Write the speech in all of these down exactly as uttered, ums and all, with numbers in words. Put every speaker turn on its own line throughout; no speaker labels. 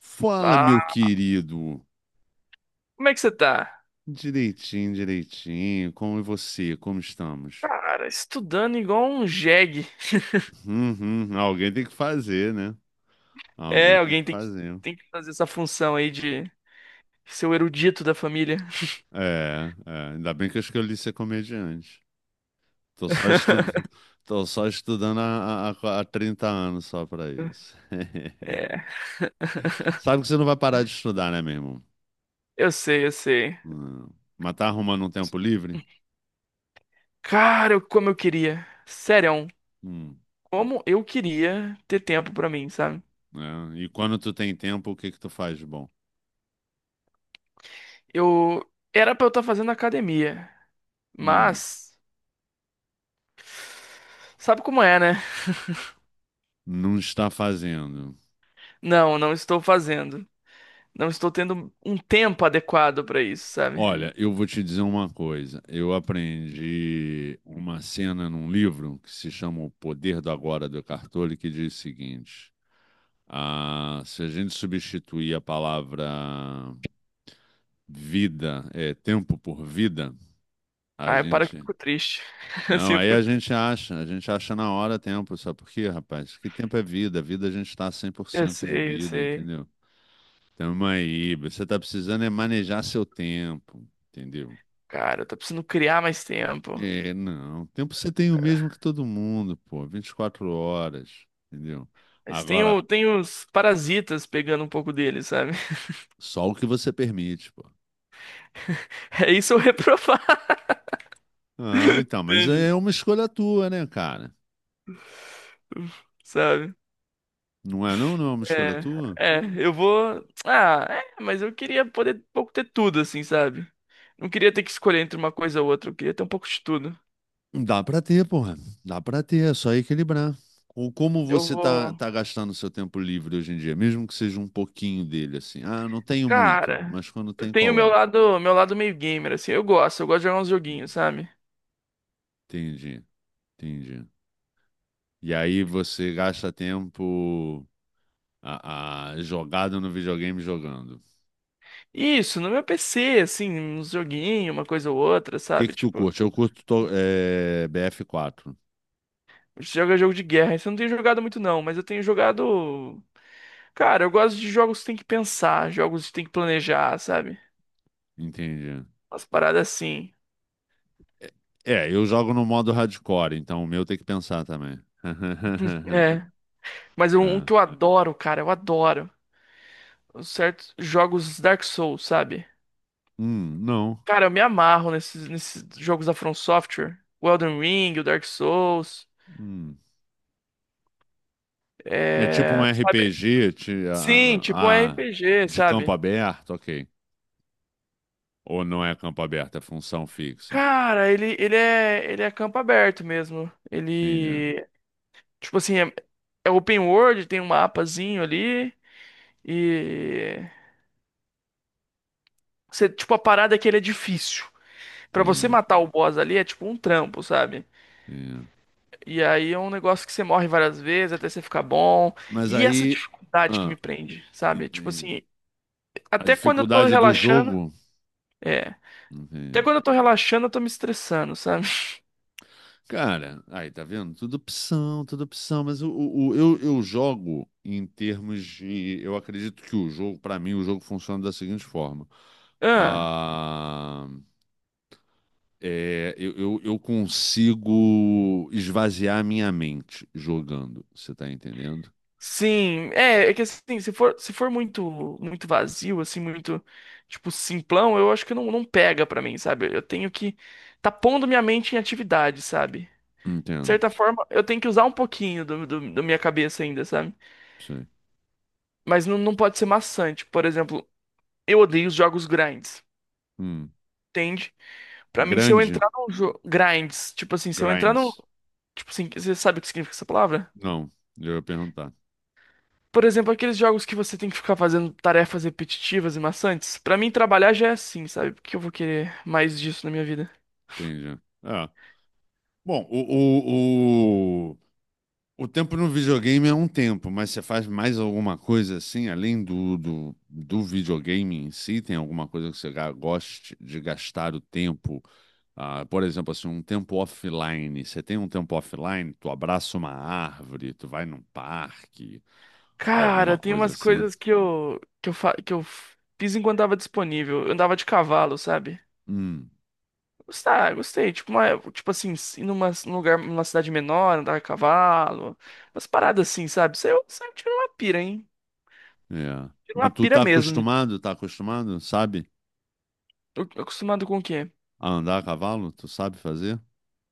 Fala, meu
Ah,
querido.
como é que você tá?
Direitinho, direitinho. Como é você? Como estamos?
Cara, estudando igual um jegue.
Uhum. Alguém tem que fazer, né?
É,
Alguém tem que
alguém tem que,
fazer.
tem que fazer essa função aí de ser o erudito da família.
É, é. Ainda bem que eu escolhi ser comediante. Tô só estu- Tô só estudando há, há, há trinta anos só pra isso.
É,
Sabe que você não vai parar de estudar, né, meu irmão?
eu sei, eu sei.
Hum. Mas tá arrumando um tempo livre?
Cara, eu- como eu queria. Sério,
Hum.
como eu queria ter tempo pra mim, sabe?
É. E quando tu tem tempo, o que que tu faz de bom?
Eu era pra eu estar fazendo academia,
Hum.
mas sabe como é, né?
Não está fazendo.
Não, não estou fazendo. Não estou tendo um tempo adequado pra isso, sabe?
Olha, eu vou te dizer uma coisa. Eu aprendi uma cena num livro que se chama O Poder do Agora, do Eckhart Tolle, que diz o seguinte: ah, se a gente substituir a palavra vida, é, tempo por vida, a
Aí para que eu
gente.
fico triste. Assim
Não,
eu
aí
fico
a gente
triste.
acha, a gente acha na hora tempo, sabe por quê, rapaz? Que tempo é vida, vida a gente está cem por
Eu
cento de
sei, eu
vida,
sei.
entendeu? Tamo aí, você tá precisando é manejar seu tempo, entendeu?
Cara, eu tô precisando criar mais tempo.
É, não. O tempo você tem o mesmo que todo mundo, pô. Vinte e quatro horas, entendeu?
Mas tem,
Agora,
o, tem os parasitas pegando um pouco dele, sabe?
só o que você permite, pô.
É isso eu reprovar,
Ah, então, mas é
entende?
uma escolha tua, né, cara?
Sabe?
Não é não? Não é uma escolha tua?
É, é, eu vou. Ah, é, mas eu queria poder um pouco ter tudo, assim, sabe? Não queria ter que escolher entre uma coisa ou outra, eu queria ter um pouco de tudo.
Dá pra ter, porra. Dá pra ter, é só equilibrar. Ou como
Eu
você tá,
vou.
tá gastando seu tempo livre hoje em dia, mesmo que seja um pouquinho dele, assim. Ah, não tenho muito,
Cara,
mas quando
eu
tem,
tenho
qual
meu
é?
lado, meu lado meio gamer, assim, eu gosto, eu gosto de jogar uns joguinhos, sabe?
Entendi, entendi. E aí você gasta tempo. A, a jogada no videogame jogando. O
Isso, no meu P C, assim, uns joguinhos, uma coisa ou outra,
que
sabe?
que tu
Tipo,
curte? Eu curto to- é, B F quatro,
a gente joga jogo de guerra. Isso eu não tenho jogado muito, não, mas eu tenho jogado. Cara, eu gosto de jogos que tem que pensar, jogos que tem que planejar, sabe?
entendi.
Umas paradas assim.
É, é, eu jogo no modo hardcore, então o meu tem que pensar também.
É. Mas um, um
É.
que eu adoro, cara, eu adoro. Os certos jogos Dark Souls, sabe?
Hum, não.
Cara, eu me amarro nesses, nesses jogos da From Software. O Elden Ring, o Dark Souls,
Hum. É tipo um
sabe?
R P G, ti-
Sim,
ah,
tipo um
ah, ah,
R P G,
de campo
sabe?
aberto, ok. Ou não é campo aberto, é função fixa.
Cara, ele, ele é ele é campo aberto mesmo.
Entendi,
Ele, tipo assim, é, é open world, tem um mapazinho ali e você, tipo, a parada é que ele é difícil. Pra você
entendi,
matar o boss ali é tipo um trampo, sabe?
entendi.
E aí é um negócio que você morre várias vezes até você ficar bom.
Mas
E essa
aí,
dificuldade que me
ah,
prende, sabe? Tipo
entendi.
assim,
A
até quando eu tô
dificuldade do
relaxando,
jogo,
é, até
entendi.
quando eu tô relaxando, eu tô me estressando, sabe?
Cara, aí tá vendo? Tudo opção, tudo opção, mas o, o, o- eu, eu jogo em termos de. Eu acredito que o jogo, pra mim, o jogo funciona da seguinte forma.
Ah.
Ah, é, eu, eu, eu consigo esvaziar minha mente jogando, você tá entendendo?
Sim, é, é que assim, se for, se for muito muito vazio, assim, muito, tipo, simplão, eu acho que não, não pega pra mim, sabe? Eu tenho que tá pondo minha mente em atividade, sabe? De
Entendo,
certa forma, eu tenho que usar um pouquinho do, do, da minha cabeça ainda, sabe?
sei.
Mas não, não pode ser maçante. Por exemplo, eu odeio os jogos grinds,
Hum.
entende? Pra mim, se eu
Grande,
entrar num jogo. Grinds, tipo assim, se eu entrar num.
grinds.
Tipo assim, você sabe o que significa essa palavra?
Não, eu ia perguntar.
Por exemplo, aqueles jogos que você tem que ficar fazendo tarefas repetitivas e maçantes. Pra mim, trabalhar já é assim, sabe? Porque eu vou querer mais disso na minha vida.
Entendi. Ah, bom, o, o, o tempo no videogame é um tempo, mas você faz mais alguma coisa assim, além do, do, do videogame em si? Tem alguma coisa que você ga- goste de gastar o tempo? Ah, por exemplo, assim, um tempo offline. Você tem um tempo offline? Tu abraça uma árvore, tu vai num parque,
Cara,
alguma
tem
coisa
umas
assim?
coisas que eu que eu, fa- que eu fiz enquanto tava disponível. Eu andava de cavalo, sabe?
Hum,
Gostar, gostei. Tipo, uma, tipo assim, ir numa, num lugar, numa cidade menor, andar a cavalo. Umas paradas assim, sabe? Isso aí eu, isso aí eu tiro uma pira, hein?
é.
Tiro uma
Mas tu
pira
tá
mesmo nisso.
acostumado, tá acostumado, sabe?
Eu, eu acostumado com o quê?
A andar a cavalo? Tu sabe fazer?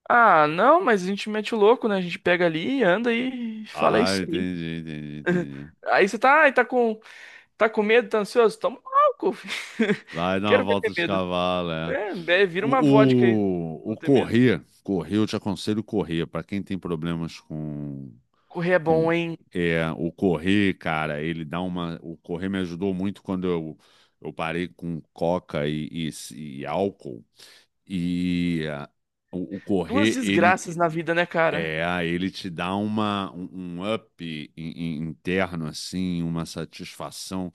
Ah, não, mas a gente mete o louco, né? A gente pega ali, anda e fala "É
Ah,
isso aí.
entendi, entendi, entendi.
Aí você tá, ai, tá com, tá com medo, tá ansioso? Toma um álcool, filho.
Vai dar uma
Quero ver ter
volta de
medo.
cavalo, é.
É, é, vira uma vodka aí,
O, o, o
não ter medo.
correr, correr, eu te aconselho correr. Para quem tem problemas com,
Correr é
com
bom, hein?
é, o correr, cara, ele dá uma. O correr me ajudou muito quando eu, eu parei com coca e, e, e álcool. E ah, o, o
Duas
correr, ele
desgraças na vida, né, cara?
é, ele te dá uma, um, um up in- in- interno, assim, uma satisfação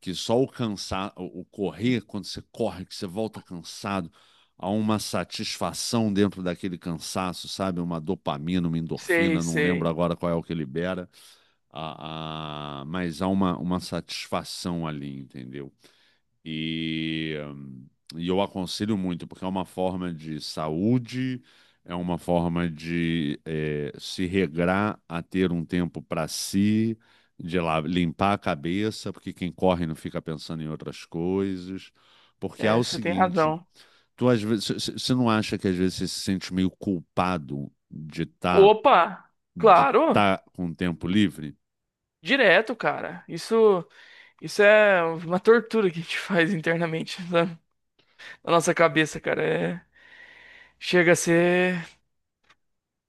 que só o cansar, o correr, quando você corre, que você volta cansado, há uma satisfação dentro daquele cansaço, sabe? Uma dopamina, uma
Sei,
endorfina, não lembro
sei.
agora qual é o que libera, a, a- mas há uma, uma satisfação ali, entendeu? E, hum, e eu aconselho muito, porque é uma forma de saúde, é uma forma de eh, se regrar a ter um tempo para si, de lá limpar a cabeça, porque quem corre não fica pensando em outras coisas. Porque há
É,
o
você tem
seguinte,
razão.
tu às vezes, você não acha que às vezes você se sente meio culpado de estar
Opa!
de
Claro!
tá com o tempo livre?
Direto, cara. Isso, isso é uma tortura que a gente faz internamente na, na nossa cabeça, cara. É, chega a ser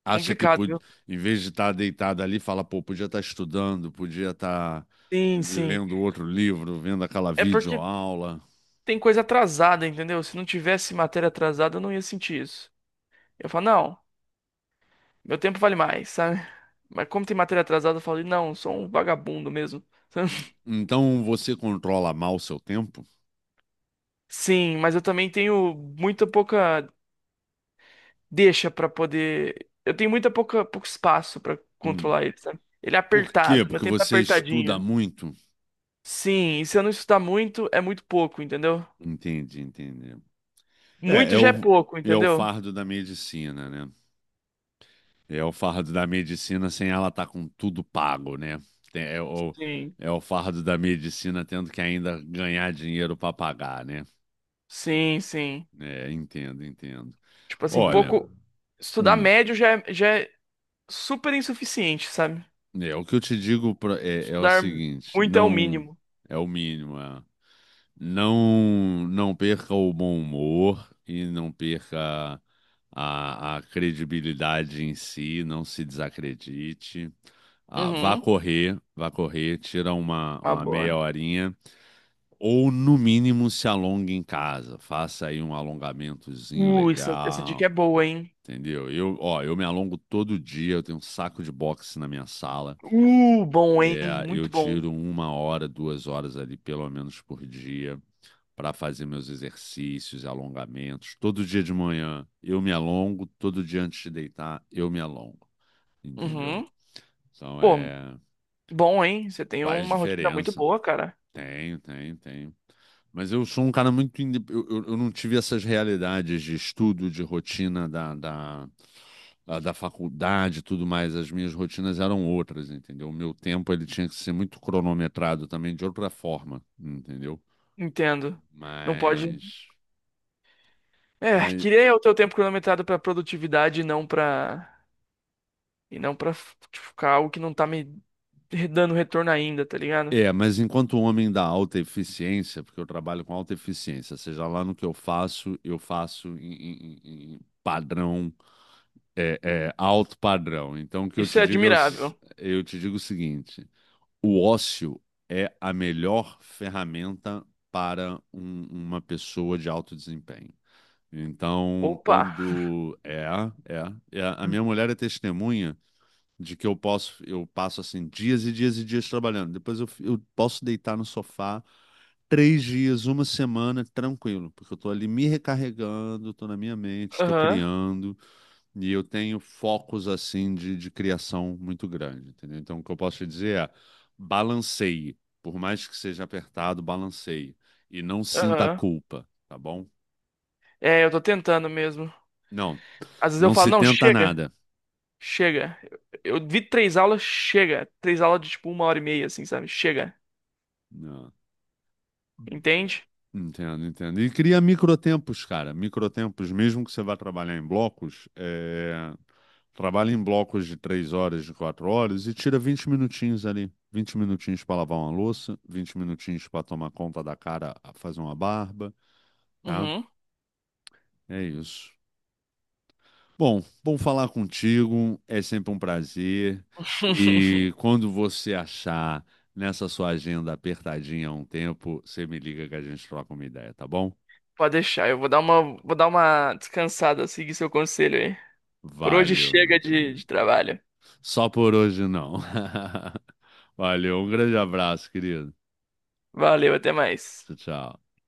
acha que
complicado,
pod-
viu?
Em vez de estar deitado ali, fala, pô, podia estar estudando, podia estar
Sim, sim.
lendo outro livro, vendo aquela
É porque
videoaula.
tem coisa atrasada, entendeu? Se não tivesse matéria atrasada, eu não ia sentir isso. Eu falo, não, meu tempo vale mais, sabe? Mas como tem matéria atrasada, eu falo, não, sou um vagabundo mesmo. Sabe?
Então você controla mal o seu tempo?
Sim, mas eu também tenho muita pouca deixa pra poder. Eu tenho muita pouca pouco espaço pra
Hum.
controlar ele, sabe? Ele é
Por quê?
apertado, meu
Porque
tempo é
você estuda
apertadinho.
muito?
Sim, e se eu não estudar muito, é muito pouco, entendeu?
Entendi, entendi. É,
Muito
é
já é
o,
pouco,
é o
entendeu?
fardo da medicina, né? É o fardo da medicina sem ela estar com tudo pago, né? Tem- É o,
Sim,
é o fardo da medicina tendo que ainda ganhar dinheiro para pagar, né?
sim, sim.
É, entendo, entendo.
Tipo assim,
Olha,
pouco. Estudar
hum,
médio já é, já é- super insuficiente, sabe?
é o que eu te digo pra- é, é o
Estudar
seguinte,
muito é o
não
mínimo.
é o mínimo, é, não não perca o bom humor e não perca a, a credibilidade em si, não se desacredite. Ah, vá
Uhum.
correr, vá correr, tira uma,
Uma
uma meia
boa.
horinha ou no mínimo se alongue em casa, faça aí um alongamentozinho
Uh, essa, essa dica é
legal.
boa, hein?
Entendeu? Eu, ó, eu me alongo todo dia, eu tenho um saco de boxe na minha sala.
Uh, bom, hein?
É, eu
Muito bom.
tiro uma hora, duas horas ali, pelo menos por dia, para fazer meus exercícios, alongamentos. Todo dia de manhã eu me alongo, todo dia antes de deitar eu me alongo, entendeu?
Uhum.
Então
Pô,
é,
bom, hein? Você tem
faz
uma rotina muito
diferença.
boa, cara.
Tenho, tenho, tenho. Mas eu sou um cara muito. inde- Eu, eu, eu não tive essas realidades de estudo, de rotina da, da, da da faculdade e tudo mais. As minhas rotinas eram outras, entendeu? O meu tempo ele tinha que ser muito cronometrado também de outra forma, entendeu?
Entendo. Não pode.
Mas,
É,
mas
queria o teu tempo cronometrado pra produtividade e não pra. E não pra f- tipo, ficar algo que não tá me dando retorno ainda, tá ligado?
é, mas enquanto um homem da alta eficiência, porque eu trabalho com alta eficiência, seja lá no que eu faço, eu faço em, em- em- em padrão é, é, alto padrão. Então, o que eu
Isso
te
é
digo é o s-
admirável.
eu te digo o seguinte: o ócio é a melhor ferramenta para um- uma pessoa de alto desempenho. Então,
Opa!
quando é, é, é, a minha mulher é testemunha de que eu posso, eu passo assim dias e dias e dias trabalhando. Depois eu, f- eu posso deitar no sofá três dias, uma semana, tranquilo, porque eu estou ali me recarregando, estou na minha mente, estou
Aham,
criando. E eu tenho focos assim de, de criação muito grande, entendeu? Então, o que eu posso te dizer é balanceie. Por mais que seja apertado, balanceie. E não sinta
aham.
culpa, tá bom?
É, eu tô tentando mesmo.
Não,
Às vezes eu
não
falo,
se
não,
tenta
chega,
nada.
chega. Eu, eu vi três aulas, chega. Três aulas de tipo uma hora e meia, assim, sabe? Chega.
Não,
Entende?
entendo, entendo. E cria microtempos, cara. Microtempos, mesmo que você vá trabalhar em blocos, é... trabalha em blocos de três horas, de quatro horas e tira vinte minutinhos ali. Vinte minutinhos para lavar uma louça, vinte minutinhos para tomar conta da cara, fazer uma barba. Tá?
Uhum.
É isso. Bom, bom falar contigo, é sempre um prazer. E quando você achar nessa sua agenda apertadinha um tempo, você me liga que a gente troca uma ideia, tá bom?
Pode deixar, eu vou dar uma, vou dar uma descansada, seguir seu conselho aí. Por hoje
Valeu, meu
chega de,
querido.
de trabalho.
Só por hoje não. Valeu, um grande abraço, querido.
Valeu, até mais.
Tchau, tchau.